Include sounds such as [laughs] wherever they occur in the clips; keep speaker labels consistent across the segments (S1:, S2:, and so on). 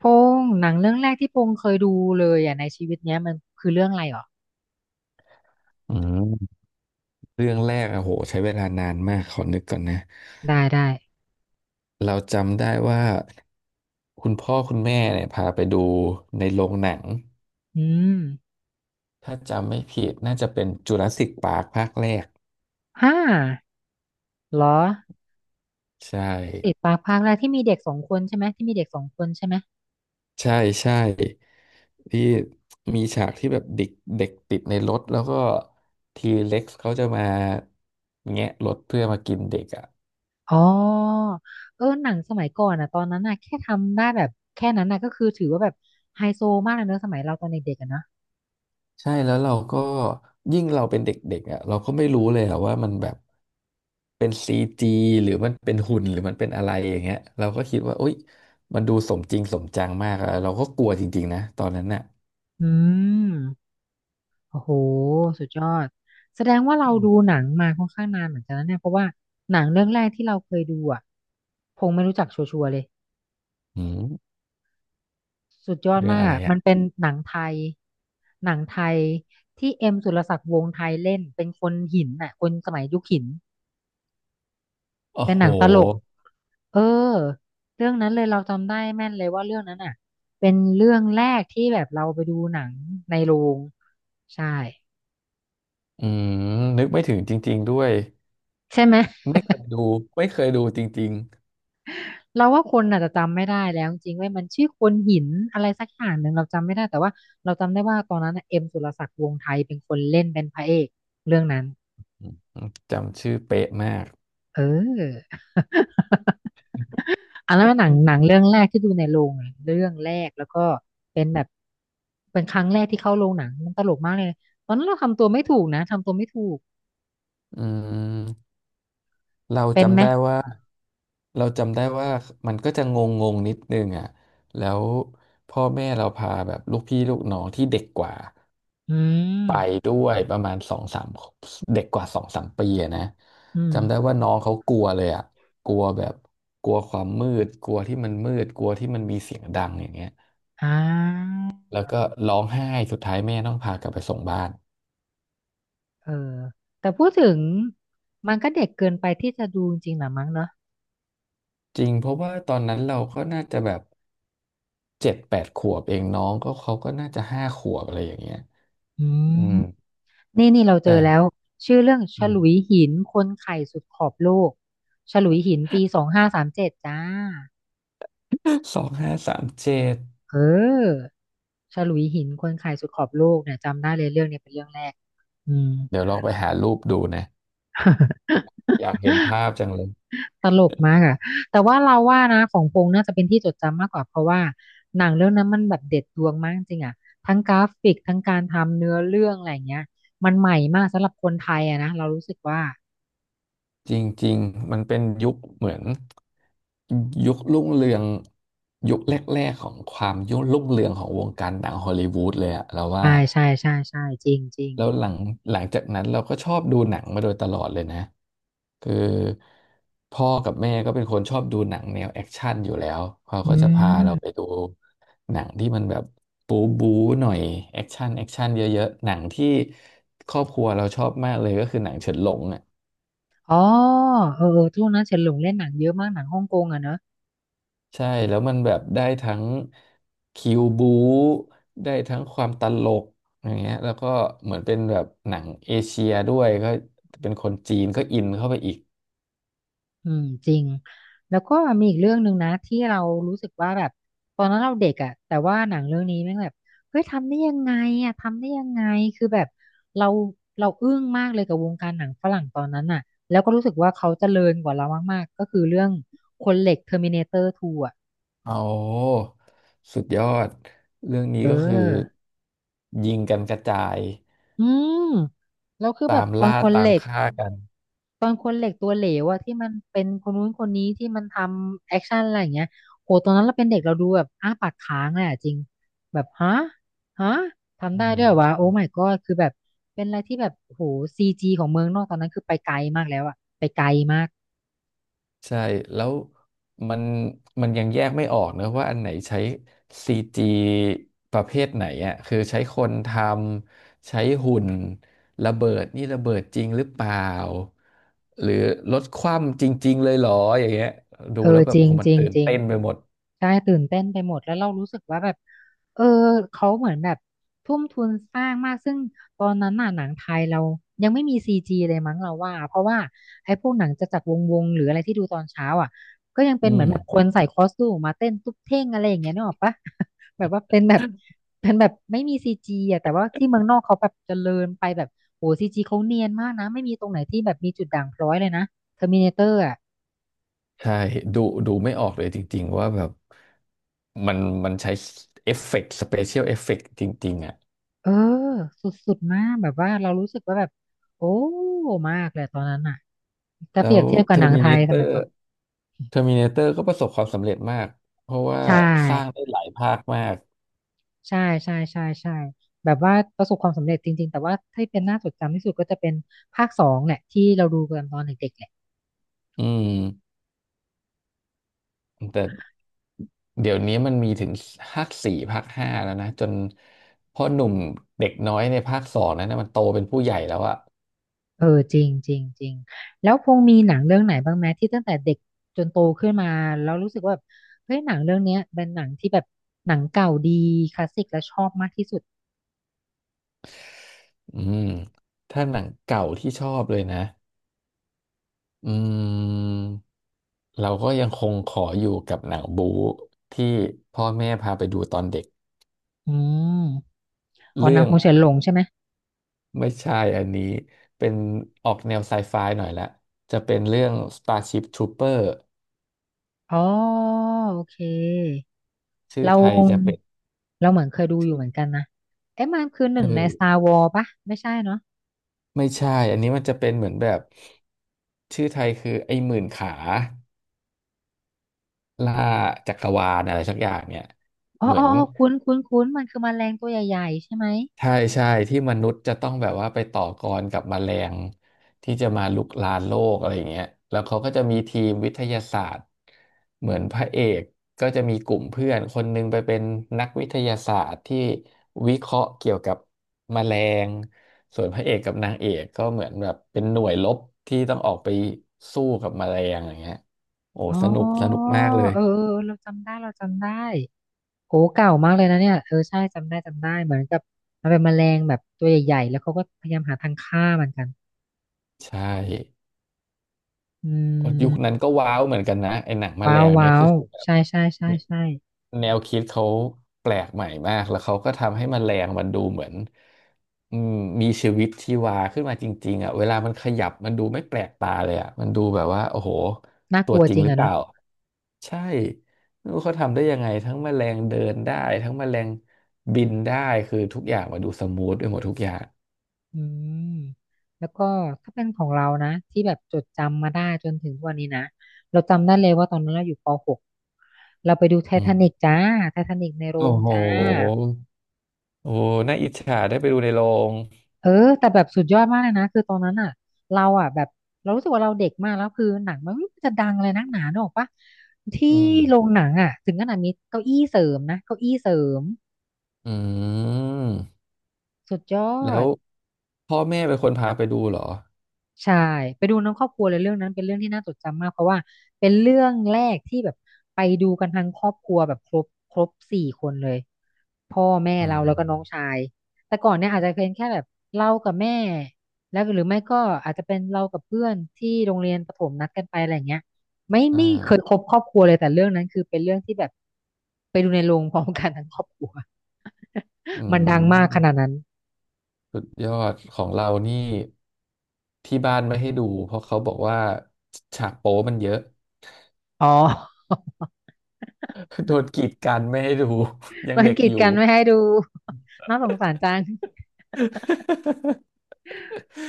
S1: พงษ์หนังเรื่องแรกที่พงษ์เคยดูเลยอ่ะในชีวิตเนี้ยมันคือเรื่องอะไรหรอ
S2: อืมเรื่องแรกอะโหใช้เวลานานมากขอนึกก่อนนะ
S1: ได้ได้
S2: เราจำได้ว่าคุณพ่อคุณแม่เนี่ยพาไปดูในโรงหนัง
S1: อืม
S2: ถ้าจำไม่ผิดน่าจะเป็นจูราสสิกปาร์คภาคแรก
S1: ห้าเหรอ
S2: ใช่
S1: ติดปากภาคแรกที่มีเด็กสองคนใช่ไหมที่มีเด็กสองคนใช่ไหม
S2: ใช่ใช่ที่มีฉากที่แบบเด็กเด็กติดในรถแล้วก็ทีเล็กซ์เขาจะมาแงะรถเพื่อมากินเด็กอะ
S1: อ๋อเออหนังสมัยก่อนอ่ะตอนนั้นอ่ะแค่ทำได้แบบแค่นั้นน่ะก็คือถือว่าแบบไฮโซมากเลยเนอะสมัยเราตอนเด็กๆอ่ะเนอะ
S2: ใช่แล้วเราก็ยิ่งเราเป็นเด็กๆอ่ะเราก็ไม่รู้เลยอ่ะว่ามันแบบเป็นซีจีหรือมันเป็นหุ่นหรือมันเป็นอะไรอย่างเงี้ยเราก็คิดว่าอุ๊ยมันดูสมจริงสมจังมากอะเราก็กลัวจริงๆนะตอนนั้นน่ะ
S1: อืมโอ้โหสุดยอดแสดงว่าเราดูหนังมาค่อนข้างนานเหมือนกันนะเนี่ยเพราะว่าหนังเรื่องแรกที่เราเคยดูอ่ะพงษ์ไม่รู้จักชัวร์ๆเลย
S2: อืม
S1: สุดยอด
S2: เรื่อง
S1: มาก
S2: อะไร
S1: อะ
S2: อ่ะ
S1: มันเป็นหนังไทยหนังไทยที่เอ็มสุรศักดิ์วงศ์ไทยเล่นเป็นคนหินน่ะคนสมัยยุคหิน
S2: โอ้
S1: เป็น
S2: โห
S1: หนังตลกเออเรื่องนั้นเลยเราจำได้แม่นเลยว่าเรื่องนั้นอ่ะ เป็นเรื่องแรกที่แบบเราไปดูหนังในโรงใช่
S2: อืมนึกไม่ถึงจริงๆด้วย
S1: ใช่ไหม
S2: ไม่เคยดูไม่เคยดูจริง
S1: เราว่าคนอาจจะจำไม่ได้แล้วจริงๆเว้ยมันชื่อคนหินอะไรสักอย่างหนึ่งเราจำไม่ได้แต่ว่าเราจำได้ว่าตอนนั้นน่ะเอ็มสุรศักดิ์วงศ์ไทยเป็นคนเล่นเป็นพระเอกเรื่องนั้น
S2: ๆอืมจำชื่อเป๊ะมาก
S1: เออ อันนั้นเป็นหนังหนังเรื่องแรกที่ดูในโรงอะเรื่องแรกแล้วก็เป็นแบบเป็นครั้งแรกที่เข้าโรงหนังมันตลกมากเลยตอนนั้นเราทำตัวไม่ถูกนะทำตัวไม่ถูก
S2: อืมเรา
S1: เป็นไห
S2: จำ
S1: ม
S2: ได้ว่า เราจำได้ว่ามันก็จะงงงงนิดนึงอ่ะแล้วพ่อแม่เราพาแบบลูกพี่ลูกน้องที่เด็กกว่า
S1: อืม
S2: ไปด้วยประมาณสองสามเด็กกว่า2-3 ปีอะนะ
S1: อืม
S2: จำได้ว่าน้องเขากลัวเลยอ่ะกลัวแบบกลัวความมืดกลัวที่มันมืดกลัวที่มันมีเสียงดังอย่างเงี้ย
S1: อ่า
S2: แล้วก็ร้องไห้สุดท้ายแม่ต้องพากลับไปส่งบ้าน
S1: เออแต่พูดถึงมันก็เด็กเกินไปที่จะดูจริงๆหรอมั้งเนอะ
S2: จริงเพราะว่าตอนนั้นเราก็น่าจะแบบ7-8 ขวบเองน้องก็เขาก็น่าจะ5 ขวบอะไรอย่างเงี้ย
S1: อื
S2: อื
S1: ม
S2: ม
S1: นี่นี่เราเจ
S2: แต่
S1: อแล้วชื่อเรื่องฉลุยหินคนไข่สุดขอบโลกฉลุยหินปีสองห้าสามเจ็ดจ้า
S2: 2537
S1: เออ ฉลุยหินคนขายสุดขอบโลกเนี่ยจำได้เลยเรื่องเนี้ยเป็นเรื่องแรกอืม
S2: เดี๋ยวลองไปหารูปดูนะ
S1: [laughs]
S2: อยากเห็นภาพจังเลย
S1: ตลกมากอะแต่ว่าเราว่านะของพงษ์น่าจะเป็นที่จดจำมากกว่าเพราะว่าหนังเรื่องนั้นมันแบบเด็ดดวงมากจริงอะทั้งกราฟิกทั้งการทำเนื้อเรื่องอะไรอย่างเงี้ยมันใหม่มากสำหรับคนไทยอะนะเรารู้สึกว่า
S2: จริงๆมันเป็นยุคเหมือนยุครุ่งเรืองยุคแรกๆของความยุครุ่งเรืองของวงการหนังฮอลลีวูดเลยอะเราว่า
S1: ใช่ใช่ใช่ใช่จริงจริง
S2: แล้วหลังจากนั้นเราก็ชอบดูหนังมาโดยตลอดเลยนะคือพ่อกับแม่ก็เป็นคนชอบดูหนังแนวแอคชั่นอยู่แล้วเขา
S1: อื
S2: ก็จะพาเราไป
S1: ม
S2: ดูหนังที่มันแบบบู๊บู๊หน่อยแอคชั่นแอคชั่นเยอะๆหนังที่ครอบครัวเราชอบมากเลยก็คือหนังเฉินหลงอ่ะ
S1: อ๋อเออเออช่วงนั้นเฉินหลงเล่นหนังเยอะมากหนังฮ่องกงอะเนอะ
S2: ใช่แล้วมันแบบได้ทั้งคิวบูได้ทั้งความตลกอย่างเงี้ยแล้วก็เหมือนเป็นแบบหนังเอเชียด้วยก็เป็นคนจีนก็อินเข้าไปอีก
S1: อืมจริงแล้วก็มีอีกเรื่องหนึ่งนะที่เรารู้สึกว่าแบบตอนนั้นเราเด็กอ่ะแต่ว่าหนังเรื่องนี้แม่งแบบเฮ้ยทำได้ยังไงอ่ะทำได้ยังไงคือแบบเราเราอึ้งมากเลยกับวงการหนังฝรั่งตอนนั้นอ่ะแล้วก็รู้สึกว่าเขาเจริญกว่าเรามากๆก็คือเรื่องคนเหล็ก Terminator 2อ่ะ
S2: เอาสุดยอดเรื่องนี้
S1: เอ
S2: ก็คือ
S1: อ
S2: ยิงกันกระจาย
S1: อืมแล้วคือแบ
S2: ตา
S1: บ
S2: ม
S1: ตอน
S2: ล่า
S1: คนเห
S2: ตาม
S1: ล็ก
S2: ฆ่ากัน
S1: ตอนคนเหล็กตัวเหลวอะที่มันเป็นคนนู้นคนนี้ที่มันทำแอคชั่นอะไรอย่างเงี้ยโหตอนนั้นเราเป็นเด็กเราดูแบบอ้าปากค้างเลยอะจริงแบบฮะฮะทำ
S2: อื
S1: ได้ด้วยเหรอวะโอ้
S2: ม
S1: my god คือแบบเป็นอะไรที่แบบโหซีจีของเมืองนอกตอนนั้นคือไปไกลมากแล้วอะไปไกลมาก
S2: ใช่แล้วมันมันยังแยกไม่ออกนะว่าอันไหนใช้ซีจีประเภทไหนอ่ะคือใช้คนใช้หุ่นระเบิดนี่ระเบิดจริงหรือเปล่าหรือรถคว่ำจริงๆเลยเหรออย่างเงี้ยดู
S1: เออ
S2: แล้วแบบ
S1: จริ
S2: โอ้
S1: ง
S2: โห
S1: จ
S2: มัน
S1: ริง
S2: ตื่น
S1: จริง
S2: เต้นไปหมด
S1: ใช่ตื่นเต้นไปหมดแล้วเรารู้สึกว่าแบบเออเขาเหมือนแบบทุ่มทุนสร้างมากซึ่งตอนนั้นน่ะหนังไทยเรายังไม่มีซีจีเลยมั้งเราว่าเพราะว่าไอ้พวกหนังจะจักรวงวงหรืออะไรที่ดูตอนเช้าอ่ะก็ยังเป็น
S2: อื
S1: เหมือ
S2: ม
S1: นแบบคนใส่คอสตูมมาเต้นตุ๊บเท่งอะไรอย่างเงี้ยนึกออกปะ [laughs] แบบว่าเป็นแบบเป็นแบบไม่มีซีจีอ่ะแต่ว่าที่เมืองนอกเขาแบบเจริญไปแบบโหซีจีเขาเนียนมากนะไม่มีตรงไหนที่แบบมีจุดด่างพร้อยเลยนะเทอร์มินาเตอร์
S2: ใช่ดูดูไม่ออกเลยจริงๆว่าแบบ มันมันใช้เอฟเฟกต์สเปเชียลเอฟเฟกต์จริงๆอ่ะ
S1: เออสุดๆมากแบบว่าเรารู้สึกว่าแบบโอ้มากเลยตอนนั้นอ่ะถ้า
S2: แล้
S1: เปรียบ
S2: ว
S1: เทียบกั
S2: เท
S1: บ
S2: อ
S1: หนั
S2: ร์
S1: ง
S2: มิ
S1: ไท
S2: น
S1: ย
S2: t เต
S1: ส
S2: อ
S1: มัย
S2: ร์
S1: ก่อน
S2: เทอร์มินเตอร์ก็ประสบความสำเร็จมากเพราะว่า
S1: ใช่
S2: สร้างได้หลายภาคมาก
S1: ใช่ใช่ใช่ใช่แบบว่าประสบความสำเร็จจริงๆแต่ว่าที่เป็นน่าจดจำที่สุดก็จะเป็นภาคสองแหละที่เราดูกันตอนเด็กๆแหละ
S2: อืมแต่เดี๋ยวนี้มันมีถึงภาคสี่ภาคห้าแล้วนะจนพ่อหนุ่มเด็กน้อยในภาคสองนั้นนะมันโตเป็นผู้ใหญ่แล้วอะ
S1: เออจริงจริงจริงแล้วพงมีหนังเรื่องไหนบ้างไหมที่ตั้งแต่เด็กจนโตขึ้นมาแล้วรู้สึกว่าแบบเฮ้ยหนังเรื่องเนี้ยเป็นหนังที่แบบหนังเก่าดีคลาสสิกและชอบมากที่สุด
S2: อืมถ้าหนังเก่าที่ชอบเลยนะ อืมเราก็ยังคงขออยู่กับหนังบู๊ที่พ่อแม่พาไปดูตอนเด็ก
S1: อืมอ๋อห
S2: เรื่
S1: นัง
S2: อง
S1: คงเฉินหลงใช่ไหม
S2: ไม่ใช่อันนี้เป็นออกแนวไซไฟหน่อยละจะเป็นเรื่อง Starship Trooper
S1: อ๋อโอเค
S2: ชื่อ
S1: เรา
S2: ไทยจะเป็น
S1: เราเหมือนเคยดูอ
S2: ชื่
S1: ยู่
S2: อ
S1: เหมือนกันนะเอ๊ะมันคือห
S2: เ
S1: นึ่งใน
S2: ออ
S1: Star Wars ปะไม่ใช่เนาะ
S2: ไม่ใช่อันนี้มันจะเป็นเหมือนแบบชื่อไทยคือไอ้หมื่นขาล่าจักรวาลอะไรสักอย่างเนี่ย
S1: อ๋อ
S2: เหมื
S1: อ๋
S2: อ
S1: อ
S2: น
S1: อ๋อคุ้นคุ้นคุ้นมันคือแมลงตัวใหญ่ๆใช่ไหม
S2: ใช่ใช่ที่มนุษย์จะต้องแบบว่าไปต่อกรกับแมลงที่จะมารุกรานโลกอะไรอย่างเงี้ยแล้วเขาก็จะมีทีมวิทยาศาสตร์เหมือนพระเอกก็จะมีกลุ่มเพื่อนคนหนึงไปเป็นนักวิทยาศาสตร์ที่วิเคราะห์เกี่ยวกับแมลงส่วนพระเอกกับนางเอกก็เหมือนแบบเป็นหน่วยรบที่ต้องออกไปสู้กับแมลงอย่างเงี้ยโอ้
S1: อ๋
S2: สนุกส
S1: อเออ
S2: นุกมากเลย
S1: เออเออเราจำได้โอ้เก่ามากเลยนะเนี่ยเออใช่จำได้เหมือนกับมันเป็นแมลงแบบตัวใหญ่ๆแล้วเขาก็พยายามหาทางฆ่ามันกัน
S2: ใช่
S1: อื
S2: ยุ
S1: ม
S2: คนั้นก็ว้าวเหมือนกันนะไอ้หนังแมล
S1: ว้าว
S2: งเนี้ย
S1: ว้า
S2: คือ
S1: ว
S2: แบ
S1: ใช่ใช่ใช่
S2: บ
S1: ใช่
S2: แนวคิดเขาแปลกใหม่มากแล้วเขาก็ทำให้แมลงมันดูเหมือนอืมมีชีวิตชีวาขึ้นมาจริงๆอ่ะเวลามันขยับมันดูไม่แปลกตาเลยอ่ะมันดูแบบว่าโอ้โห
S1: น่าก
S2: ตัว
S1: ลัว
S2: จ
S1: จ
S2: ริง
S1: ริง
S2: หรือ
S1: อะ
S2: เป
S1: เนาะ
S2: ล่าใช่ไม่รู้เขาทำได้ยังไงทั้งแมลงเดินได้ทั้งแมลงบินได้คือทุกอย่างมาดูสมูทไปหมดทุกอย่าง
S1: อืมแล้วก็ถ้าเป็นของเรานะที่แบบจดจำมาได้จนถึงทุกวันนี้นะเราจำได้เลยว่าตอนนั้นเราอยู่ป.6เราไปดูไท
S2: อื
S1: ทา
S2: ม
S1: นิกจ้าไททานิกในโร
S2: โอ้
S1: ง
S2: โห
S1: จ้า
S2: โอ้โหน่าอิจฉาได้ไปดูในโรง
S1: เออแต่แบบสุดยอดมากเลยนะคือตอนนั้นอ่ะเราอ่ะแบบเรารู้สึกว่าเราเด็กมากแล้วคือหนังมันไม่รู้จะดังอะไรนักหนาเนกออกปะที่
S2: อืม
S1: โรงหนังอ่ะถึงขนาดมีเก้าอี้เสริมนะเก้าอี้เสริม
S2: อืม
S1: สุดยอ
S2: แล้ว
S1: ด
S2: พ่อแม่เป็นคนพาไปดูเหรอ
S1: ใช่ไปดูน้ำครอบครัวเลยเรื่องนั้นเป็นเรื่องที่น่าจดจำมากเพราะว่าเป็นเรื่องแรกที่แบบไปดูกันทั้งครอบครัวแบบครบ4คนเลยพ่อแม่
S2: อื
S1: เรา
S2: ม
S1: แล้วก็น้องชายแต่ก่อนเนี่ยอาจจะเป็นแค่แบบเรากับแม่แล้วหรือไม่ก็อาจจะเป็นเรากับเพื่อนที่โรงเรียนประถมนัดกันไปอะไรอย่างเงี้ยไม่
S2: อ่า
S1: ไม่เคยครบครอบครัวเลยแต่เรื่องนั้นคือเป็นเรื่องที่แบบไปดูในโรงพร้อมกันทั้งครอบครัว
S2: อื
S1: [laughs] มันดังมากขนาด
S2: ม
S1: นั้น
S2: สุดยอดของเรานี่ที่บ้านไม่ให้ดูเพราะเขาบอกว่าฉากโป๊มันเยอะ
S1: อ๋อ
S2: [laughs] โดนกีดกันไม่ให้ดู [laughs] ยัง
S1: มัน
S2: เด็ก
S1: กีด
S2: อยู่
S1: กันไม่ให้ดู [laughs] น่าสงสารจัง
S2: [laughs]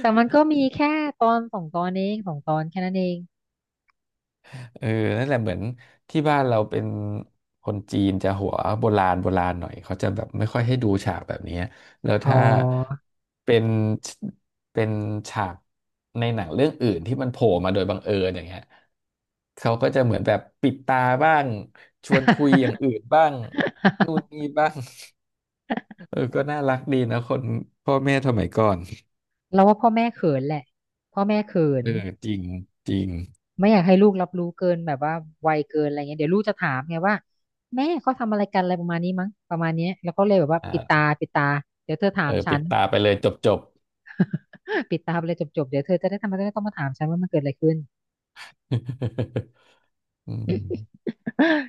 S1: แต่มันก็มีแค่ตอนสองตอนเองสองตอนแค่นั้นเอง
S2: เออนั่นแหละเหมือนที่บ้านเราเป็นคนจีนจะหัวโบราณโบราณหน่อยเขาจะแบบไม่ค่อยให้ดูฉากแบบนี้แล้ว
S1: อ๋อ
S2: ถ้าเป็นเป็นฉากในหนังเรื่องอื่นที่มันโผล่มาโดยบังเอิญอย่างเงี้ยเขาก็จะเหมือนแบบปิดตาบ้างชวนคุยอย่างอื่นบ้างนู่นนี่
S1: [laughs]
S2: บ้างเออก็น่ารักดีนะคนพ่อแม่สมัยก่อน
S1: เราว่าพ่อแม่เขินแหละพ่อแม่เขิน
S2: เออจริงจริง
S1: ไม่อยากให้ลูกรับรู้เกินแบบว่าไวเกินอะไรเงี้ยเดี๋ยวลูกจะถามไงว่าแม่เขาทำอะไรกันอะไรประมาณนี้มั้งประมาณเนี้ยแล้วก็เลยแบบว่าปิดตา
S2: อ่า
S1: ปิดตาเดี๋ยวเธอถา
S2: เอ
S1: ม
S2: อ
S1: ฉั
S2: ปิ
S1: น
S2: ดตาไปเลยจบจบ
S1: [laughs] ปิดตาไปเลยจบเดี๋ยวเธอจะได้ทำไมจะได้ต้องมาถามฉันว่ามันเกิดอะไรขึ้น
S2: [laughs] อืม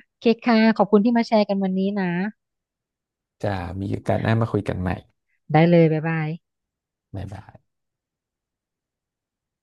S1: โอเคค่ะขอบคุณที่มาแชร์กันวันนี้นะ
S2: จะมีโอกาสหน้ามาคุยกันใหม่
S1: ได้เลยบ๊ายบาย
S2: บ๊ายบาย